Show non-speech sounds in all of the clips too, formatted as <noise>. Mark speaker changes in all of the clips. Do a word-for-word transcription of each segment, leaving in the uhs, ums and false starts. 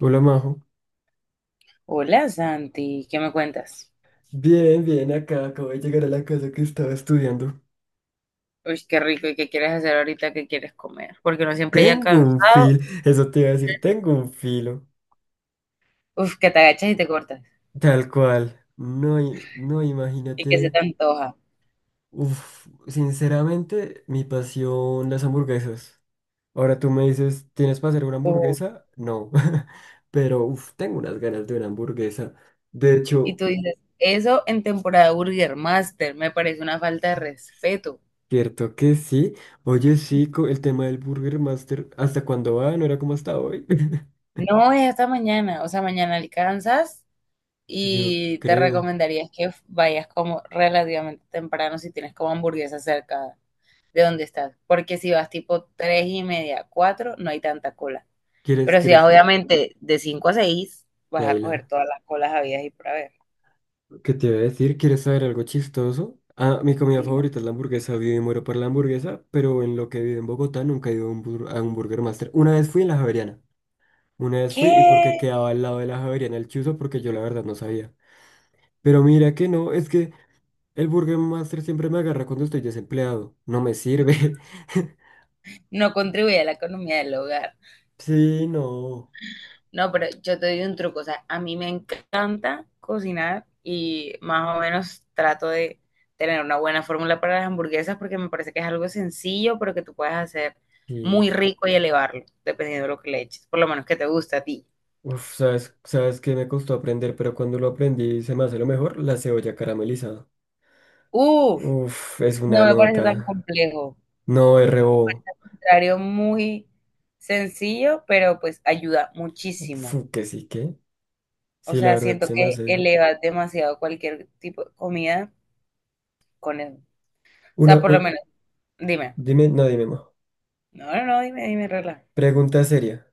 Speaker 1: Hola Majo.
Speaker 2: Hola Santi, ¿qué me cuentas?
Speaker 1: Bien, bien, acá acabo de llegar a la casa que estaba estudiando.
Speaker 2: Uy, qué rico, ¿y qué quieres hacer ahorita? ¿Qué quieres comer? Porque uno siempre ya
Speaker 1: Tengo un
Speaker 2: cansado,
Speaker 1: fil, eso te iba a decir, tengo un filo.
Speaker 2: uf, que te agachas y te cortas,
Speaker 1: Tal cual. No, i- no,
Speaker 2: y que se
Speaker 1: imagínate.
Speaker 2: te antoja,
Speaker 1: Uf, sinceramente, mi pasión, las hamburguesas. Ahora tú me dices, ¿tienes para hacer una
Speaker 2: uf,
Speaker 1: hamburguesa? No. <laughs> Pero uf, tengo unas ganas de una hamburguesa. De
Speaker 2: y
Speaker 1: hecho,
Speaker 2: tú dices, eso en temporada Burger Master me parece una falta de respeto.
Speaker 1: cierto que sí. Oye, sí, co- el tema del Burger Master, ¿hasta cuándo va? ¿No era como hasta hoy?
Speaker 2: No, es hasta mañana, o sea, mañana alcanzas
Speaker 1: <laughs> Yo
Speaker 2: y te
Speaker 1: creo.
Speaker 2: recomendaría que vayas como relativamente temprano si tienes como hamburguesa cerca de donde estás, porque si vas tipo tres y media, cuatro, no hay tanta cola.
Speaker 1: ¿Quieres,
Speaker 2: Pero si vas,
Speaker 1: quieres que
Speaker 2: obviamente de cinco a seis vas a
Speaker 1: baila?
Speaker 2: coger todas las colas habidas y por haber.
Speaker 1: ¿Qué te iba a decir? ¿Quieres saber algo chistoso? Ah, mi comida
Speaker 2: Dile,
Speaker 1: favorita es la hamburguesa. Vivo y muero por la hamburguesa, pero en lo que vivo en Bogotá nunca he ido a un, bur- a un Burger Master. Una vez fui en la Javeriana. Una vez fui y porque
Speaker 2: ¿qué?
Speaker 1: quedaba al lado de la Javeriana el chuzo porque yo la verdad no sabía. Pero mira que no, es que el Burger Master siempre me agarra cuando estoy desempleado. No me sirve. <laughs>
Speaker 2: No contribuye a la economía del hogar.
Speaker 1: Sí, no.
Speaker 2: No, pero yo te doy un truco. O sea, a mí me encanta cocinar y más o menos trato de tener una buena fórmula para las hamburguesas porque me parece que es algo sencillo, pero que tú puedes hacer
Speaker 1: Sí.
Speaker 2: muy rico y elevarlo, dependiendo de lo que le eches. Por lo menos que te gusta a ti.
Speaker 1: Uf, sabes, sabes que me costó aprender, pero cuando lo aprendí se me hace lo mejor, la cebolla caramelizada.
Speaker 2: Uf,
Speaker 1: Uf, es una
Speaker 2: no me parece tan
Speaker 1: nota.
Speaker 2: complejo.
Speaker 1: No, R O.
Speaker 2: Al contrario, muy sencillo, pero pues ayuda muchísimo.
Speaker 1: Fu, que sí, que.
Speaker 2: O
Speaker 1: Sí, la
Speaker 2: sea,
Speaker 1: verdad
Speaker 2: siento
Speaker 1: se me
Speaker 2: que
Speaker 1: hace.
Speaker 2: eleva demasiado cualquier tipo de comida con él. O
Speaker 1: Una,
Speaker 2: sea, por lo
Speaker 1: un,
Speaker 2: menos, dime.
Speaker 1: dime, no, dime, mo.
Speaker 2: No, no, no, dime, dime, regla.
Speaker 1: Pregunta seria.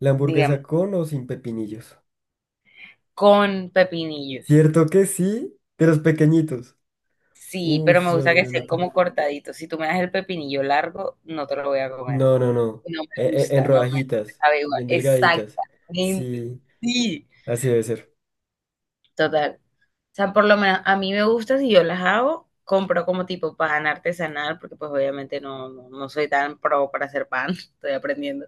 Speaker 1: ¿La
Speaker 2: Dígame.
Speaker 1: hamburguesa con o sin pepinillos?
Speaker 2: Con pepinillos.
Speaker 1: Cierto que sí, de los pequeñitos.
Speaker 2: Sí, pero
Speaker 1: Uf,
Speaker 2: me
Speaker 1: son
Speaker 2: gusta que
Speaker 1: una
Speaker 2: sean como
Speaker 1: nota.
Speaker 2: cortaditos. Si tú me das el pepinillo largo, no te lo voy a comer.
Speaker 1: No, no, no.
Speaker 2: No
Speaker 1: E-
Speaker 2: me
Speaker 1: e- en
Speaker 2: gusta, no me
Speaker 1: rodajitas,
Speaker 2: sabe igual.
Speaker 1: bien delgaditas.
Speaker 2: Exactamente.
Speaker 1: Sí,
Speaker 2: Sí,
Speaker 1: así debe ser.
Speaker 2: total. O sea, por lo menos a mí me gusta si yo las hago, compro como tipo pan artesanal, porque pues obviamente no, no, no soy tan pro para hacer pan, <laughs> estoy aprendiendo.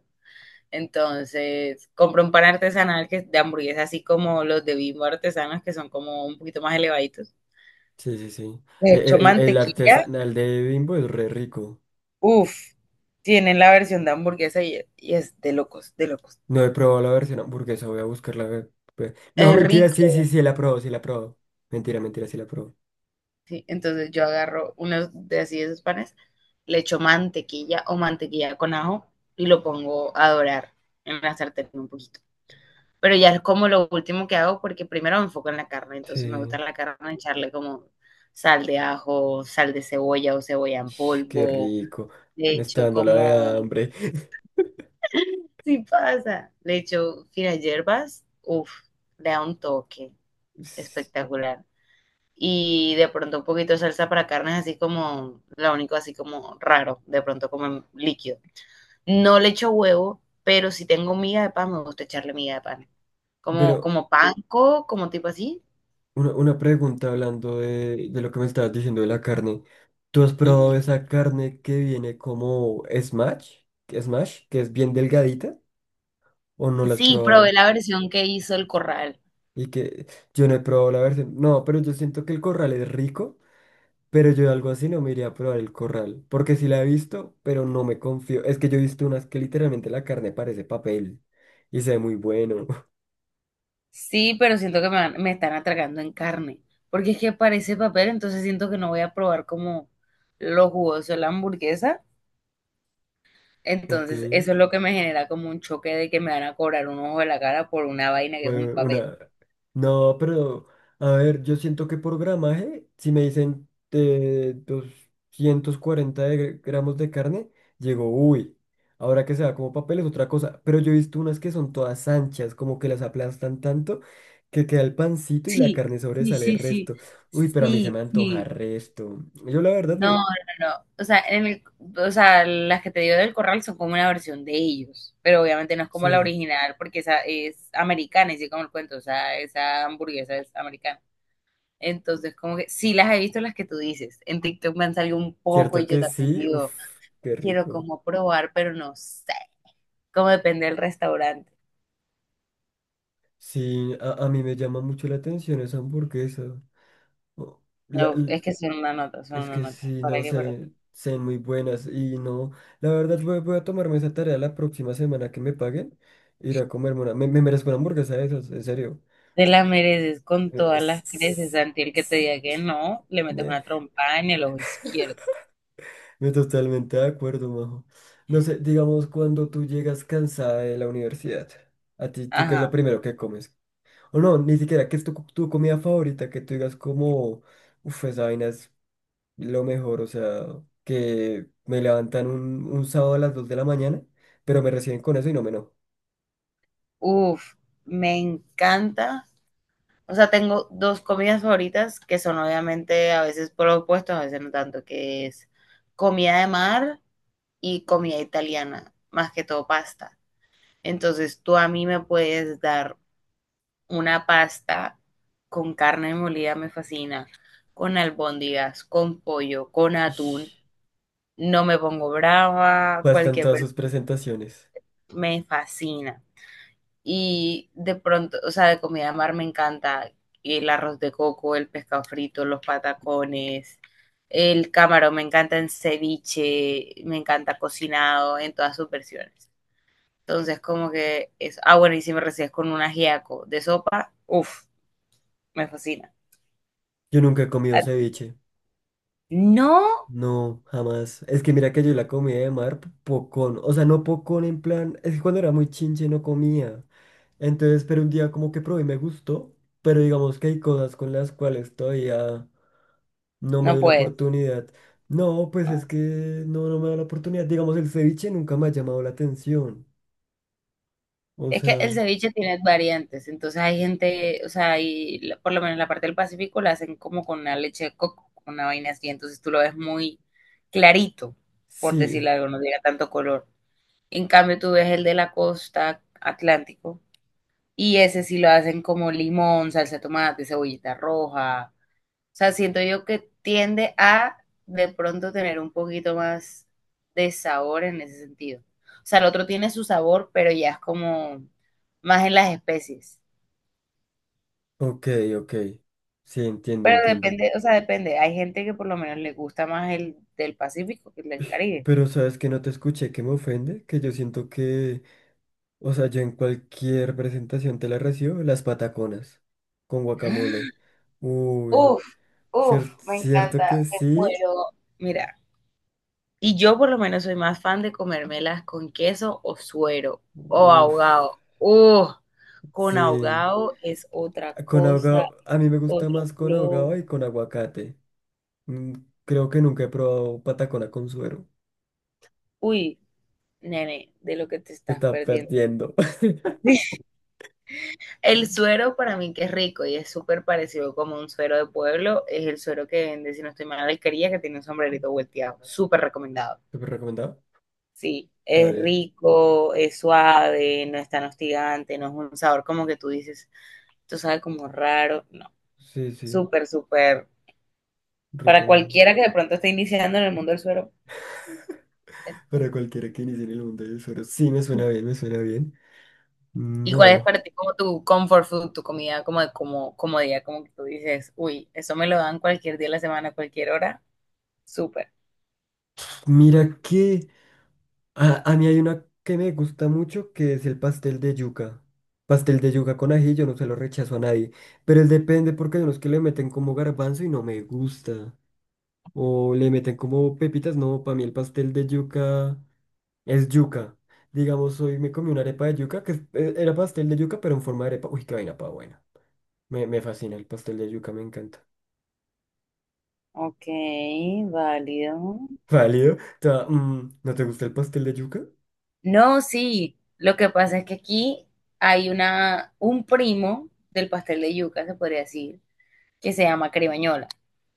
Speaker 2: Entonces, compro un pan artesanal que es de hamburguesa, así como los de Bimbo artesanos, que son como un poquito más elevaditos.
Speaker 1: Sí, sí, sí.
Speaker 2: De
Speaker 1: E- e,
Speaker 2: hecho,
Speaker 1: El, el
Speaker 2: mantequilla,
Speaker 1: artesanal de Bimbo es re rico.
Speaker 2: uff, tienen la versión de hamburguesa y, y es de locos, de locos.
Speaker 1: No he probado la versión hamburguesa, voy a buscar la... ve- ve- No,
Speaker 2: Es
Speaker 1: mentira, sí, sí,
Speaker 2: rico.
Speaker 1: sí, la probó, sí, la probó. Mentira, mentira, sí, la probó.
Speaker 2: Sí, entonces yo agarro uno de así de esos panes, le echo mantequilla o mantequilla con ajo y lo pongo a dorar en la sartén un poquito. Pero ya es como lo último que hago porque primero me enfoco en la carne, entonces me gusta
Speaker 1: Sí,
Speaker 2: la carne echarle como sal de ajo, sal de cebolla o cebolla en
Speaker 1: ish, qué
Speaker 2: polvo,
Speaker 1: rico.
Speaker 2: le
Speaker 1: Me está
Speaker 2: echo
Speaker 1: dando la de
Speaker 2: como,
Speaker 1: hambre.
Speaker 2: sí pasa, le echo finas hierbas, uff, le da un toque
Speaker 1: <laughs> S-
Speaker 2: espectacular. Y de pronto un poquito de salsa para carnes, así como lo único, así como raro, de pronto como en líquido. No le echo huevo, pero si tengo miga de pan, me gusta echarle miga de pan.
Speaker 1: Pero
Speaker 2: Como, como panko, como tipo así.
Speaker 1: una, una pregunta hablando de, de lo que me estabas diciendo de la carne. ¿Tú has probado
Speaker 2: Ujú.
Speaker 1: esa carne que viene como smash? Smash, que es bien delgadita, ¿o no la has
Speaker 2: Sí, probé
Speaker 1: probado?
Speaker 2: la versión que hizo el corral.
Speaker 1: Y que yo no he probado la versión. No, pero yo siento que el corral es rico. Pero yo algo así no me iría a probar el corral, porque sí la he visto, pero no me confío. Es que yo he visto unas que literalmente la carne parece papel y se ve muy bueno.
Speaker 2: Sí, pero siento que me, van- me están atragando en carne, porque es que parece papel, entonces siento que no voy a probar como lo jugoso de la hamburguesa.
Speaker 1: <laughs> Ok.
Speaker 2: Entonces, eso es lo que me genera como un choque de que me van a cobrar un ojo de la cara por una vaina que es un
Speaker 1: Fue
Speaker 2: papel.
Speaker 1: una... No, pero a ver, yo siento que por gramaje, si me dicen eh, doscientos cuarenta de gr- gramos de carne, llego, uy, ahora que se va como papel es otra cosa. Pero yo he visto unas que son todas anchas, como que las aplastan tanto que queda el pancito y la
Speaker 2: Sí,
Speaker 1: carne
Speaker 2: sí,
Speaker 1: sobresale el
Speaker 2: sí, sí,
Speaker 1: resto. Uy, pero a mí se
Speaker 2: sí,
Speaker 1: me antoja
Speaker 2: sí.
Speaker 1: resto. Yo la verdad,
Speaker 2: No,
Speaker 1: me-
Speaker 2: no, no. O sea, en el, o sea, las que te digo del corral son como una versión de ellos, pero obviamente no es como la
Speaker 1: sí,
Speaker 2: original porque esa es americana, y sí como el cuento, o sea, esa hamburguesa es americana. Entonces, como que sí las he visto las que tú dices. En TikTok me han salido un poco y
Speaker 1: cierto
Speaker 2: yo
Speaker 1: que
Speaker 2: también
Speaker 1: sí,
Speaker 2: digo,
Speaker 1: uff, qué
Speaker 2: quiero
Speaker 1: rico.
Speaker 2: como probar, pero no sé, como depende del restaurante.
Speaker 1: Sí, a, a mí me llama mucho la atención esa hamburguesa. o- la-
Speaker 2: No,
Speaker 1: l-
Speaker 2: es que son una nota, son
Speaker 1: es
Speaker 2: una
Speaker 1: que
Speaker 2: nota.
Speaker 1: sí,
Speaker 2: ¿Para
Speaker 1: no
Speaker 2: qué? Pero
Speaker 1: sé, sé muy buenas y no, la verdad voy, voy a tomarme esa tarea la próxima semana que me paguen, ir a comerme una, me, me merezco una hamburguesa de esas, en serio.
Speaker 2: te la mereces con todas las creces.
Speaker 1: Es-
Speaker 2: Santi, el que te
Speaker 1: es-
Speaker 2: diga que no, le metes
Speaker 1: eh,
Speaker 2: una trompa en el ojo izquierdo.
Speaker 1: Me totalmente de acuerdo, majo. No sé, digamos cuando tú llegas cansada de la universidad, a ti, ¿tú qué es lo
Speaker 2: Ajá.
Speaker 1: primero que comes? O no, ni siquiera, ¿qué es tu, tu comida favorita? Que tú digas como, uff, esa vaina lo mejor, o sea, que me levantan un, un sábado a las dos de la mañana, pero me reciben con eso y no me no.
Speaker 2: Uf, me encanta. O sea, tengo dos comidas favoritas que son obviamente a veces por los opuestos, a veces no tanto, que es comida de mar y comida italiana, más que todo pasta. Entonces, tú a mí me puedes dar una pasta con carne molida me fascina, con albóndigas, con pollo, con atún,
Speaker 1: Ish,
Speaker 2: no me pongo brava,
Speaker 1: bastan
Speaker 2: cualquier
Speaker 1: todas
Speaker 2: ver-
Speaker 1: sus presentaciones.
Speaker 2: me fascina. Y de pronto, o sea, de comida de mar me encanta el arroz de coco, el pescado frito, los patacones, el camarón, me encanta en ceviche, me encanta cocinado en todas sus versiones. Entonces, como que es, ah, bueno, y si me recibes con un ajiaco de sopa, uff, me fascina.
Speaker 1: Yo nunca he comido ceviche.
Speaker 2: No,
Speaker 1: No, jamás. Es que mira que yo la comida de mar, p- pocón. O sea, no pocón en plan. Es que cuando era muy chinche no comía. Entonces, pero un día como que probé y me gustó. Pero digamos que hay cosas con las cuales todavía no me
Speaker 2: no
Speaker 1: doy la
Speaker 2: puedes.
Speaker 1: oportunidad. No, pues
Speaker 2: No.
Speaker 1: es que no, no me da la oportunidad. Digamos, el ceviche nunca me ha llamado la atención. O
Speaker 2: Es que el
Speaker 1: sea,
Speaker 2: ceviche tiene variantes, entonces hay gente, o sea, hay, la- por lo menos la parte del Pacífico la hacen como con una leche de coco, con una vaina así, entonces tú lo ves muy clarito, por
Speaker 1: sí,
Speaker 2: decirlo algo, no tiene tanto color. En cambio, tú ves el de la costa Atlántico y ese sí lo hacen como limón, salsa de tomate, cebollita roja. O sea, siento yo que tiende a de pronto tener un poquito más de sabor en ese sentido. O sea, el otro tiene su sabor, pero ya es como más en las especies.
Speaker 1: ok, ok, sí, entiendo,
Speaker 2: Pero
Speaker 1: entiendo.
Speaker 2: depende, o sea, depende. Hay gente que por lo menos le gusta más el del Pacífico que el del Caribe.
Speaker 1: Pero sabes que no te escuché, que me ofende, que yo siento que, o sea, yo en cualquier presentación te la recibo, las pataconas con guacamole. Uy,
Speaker 2: Uf, uf,
Speaker 1: cierto,
Speaker 2: me
Speaker 1: cierto
Speaker 2: encanta,
Speaker 1: que
Speaker 2: me
Speaker 1: sí.
Speaker 2: muero. Mira. Y yo por lo menos soy más fan de comérmelas con queso o suero o
Speaker 1: Uf,
Speaker 2: ahogado. ¡Uh! Con
Speaker 1: sí.
Speaker 2: ahogado es otra
Speaker 1: Ah, con
Speaker 2: cosa,
Speaker 1: ahogado, a mí me gusta
Speaker 2: otro
Speaker 1: más con
Speaker 2: flow.
Speaker 1: ahogado y con aguacate. Mm, creo que nunca he probado patacona con suero.
Speaker 2: Uy, nene, de lo que te
Speaker 1: Te
Speaker 2: estás
Speaker 1: está
Speaker 2: perdiendo.
Speaker 1: perdiendo.
Speaker 2: <laughs> El suero para mí que es rico y es súper parecido como un suero de pueblo, es el suero que vende, si no estoy mal, la alquería que tiene un sombrerito volteado. Súper recomendado.
Speaker 1: <laughs> ¿Súper recomendado?
Speaker 2: Sí,
Speaker 1: Está
Speaker 2: es
Speaker 1: bien.
Speaker 2: rico, es suave, no es tan hostigante, no es un sabor como que tú dices. Esto sabe como raro, no,
Speaker 1: Sí, sí.
Speaker 2: súper, súper, para
Speaker 1: Recomiendo.
Speaker 2: cualquiera que de pronto esté iniciando en el mundo del suero. es-
Speaker 1: Para cualquiera que inicie en el mundo del suero. Sí, me suena bien, me suena bien.
Speaker 2: ¿Y cuál es
Speaker 1: No.
Speaker 2: para ti como tu comfort food, tu comida como de como comodidad, como que tú dices, uy, eso me lo dan cualquier día de la semana, cualquier hora, súper.
Speaker 1: Mira que a, a mí hay una que me gusta mucho que es el pastel de yuca. Pastel de yuca con ají, yo no se lo rechazo a nadie. Pero él depende porque hay unos que le meten como garbanzo y no me gusta. O le meten como pepitas. No, para mí el pastel de yuca es yuca. Digamos, hoy me comí una arepa de yuca que es- eh, era pastel de yuca, pero en forma de arepa. Uy, qué vaina pa' buena. Me, me fascina el pastel de yuca, me encanta.
Speaker 2: Ok, válido.
Speaker 1: Válido. Ta- mm, ¿no te gusta el pastel de yuca?
Speaker 2: No, sí, lo que pasa es que aquí hay una, un primo del pastel de yuca, se podría decir, que se llama caribañola,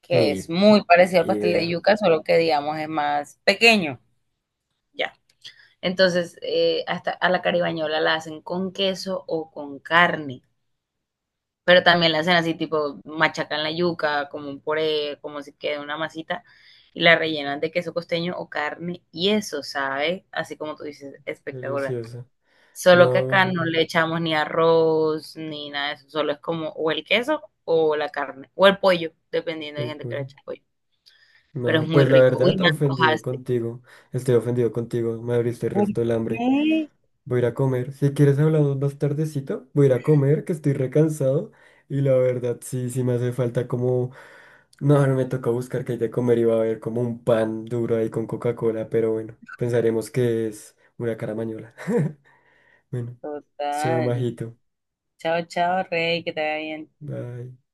Speaker 2: que es
Speaker 1: Ni
Speaker 2: muy parecido al pastel de
Speaker 1: idea.
Speaker 2: yuca, solo que digamos es más pequeño. Ya. Entonces, eh, hasta a la caribañola la hacen con queso o con carne, pero también la hacen así tipo machacan la yuca, como un puré, como si quede una masita, y la rellenan de queso costeño o carne, y eso, ¿sabe? Así como tú dices, espectacular.
Speaker 1: Delicioso.
Speaker 2: Solo que acá
Speaker 1: No,
Speaker 2: no le echamos ni arroz, ni nada de eso, solo es como o el queso o la carne, o el pollo, dependiendo de
Speaker 1: el
Speaker 2: gente que le
Speaker 1: pollo.
Speaker 2: eche pollo, pero es
Speaker 1: No,
Speaker 2: muy
Speaker 1: pues la
Speaker 2: rico. Uy,
Speaker 1: verdad,
Speaker 2: me
Speaker 1: ofendido
Speaker 2: antojaste.
Speaker 1: contigo. Estoy ofendido contigo. Me abriste el
Speaker 2: ¿Por
Speaker 1: resto del hambre.
Speaker 2: qué?
Speaker 1: Voy a ir a comer. Si quieres hablamos más tardecito, voy a ir a comer, que estoy recansado. Y la verdad, sí, sí me hace falta como... No, ahora me toca buscar qué hay de comer. Iba a haber como un pan duro ahí con Coca-Cola, pero bueno, pensaremos que es una caramañola. <laughs> Bueno, chao,
Speaker 2: Total.
Speaker 1: majito.
Speaker 2: Chao, chao, Rey, que te vaya bien.
Speaker 1: Bye.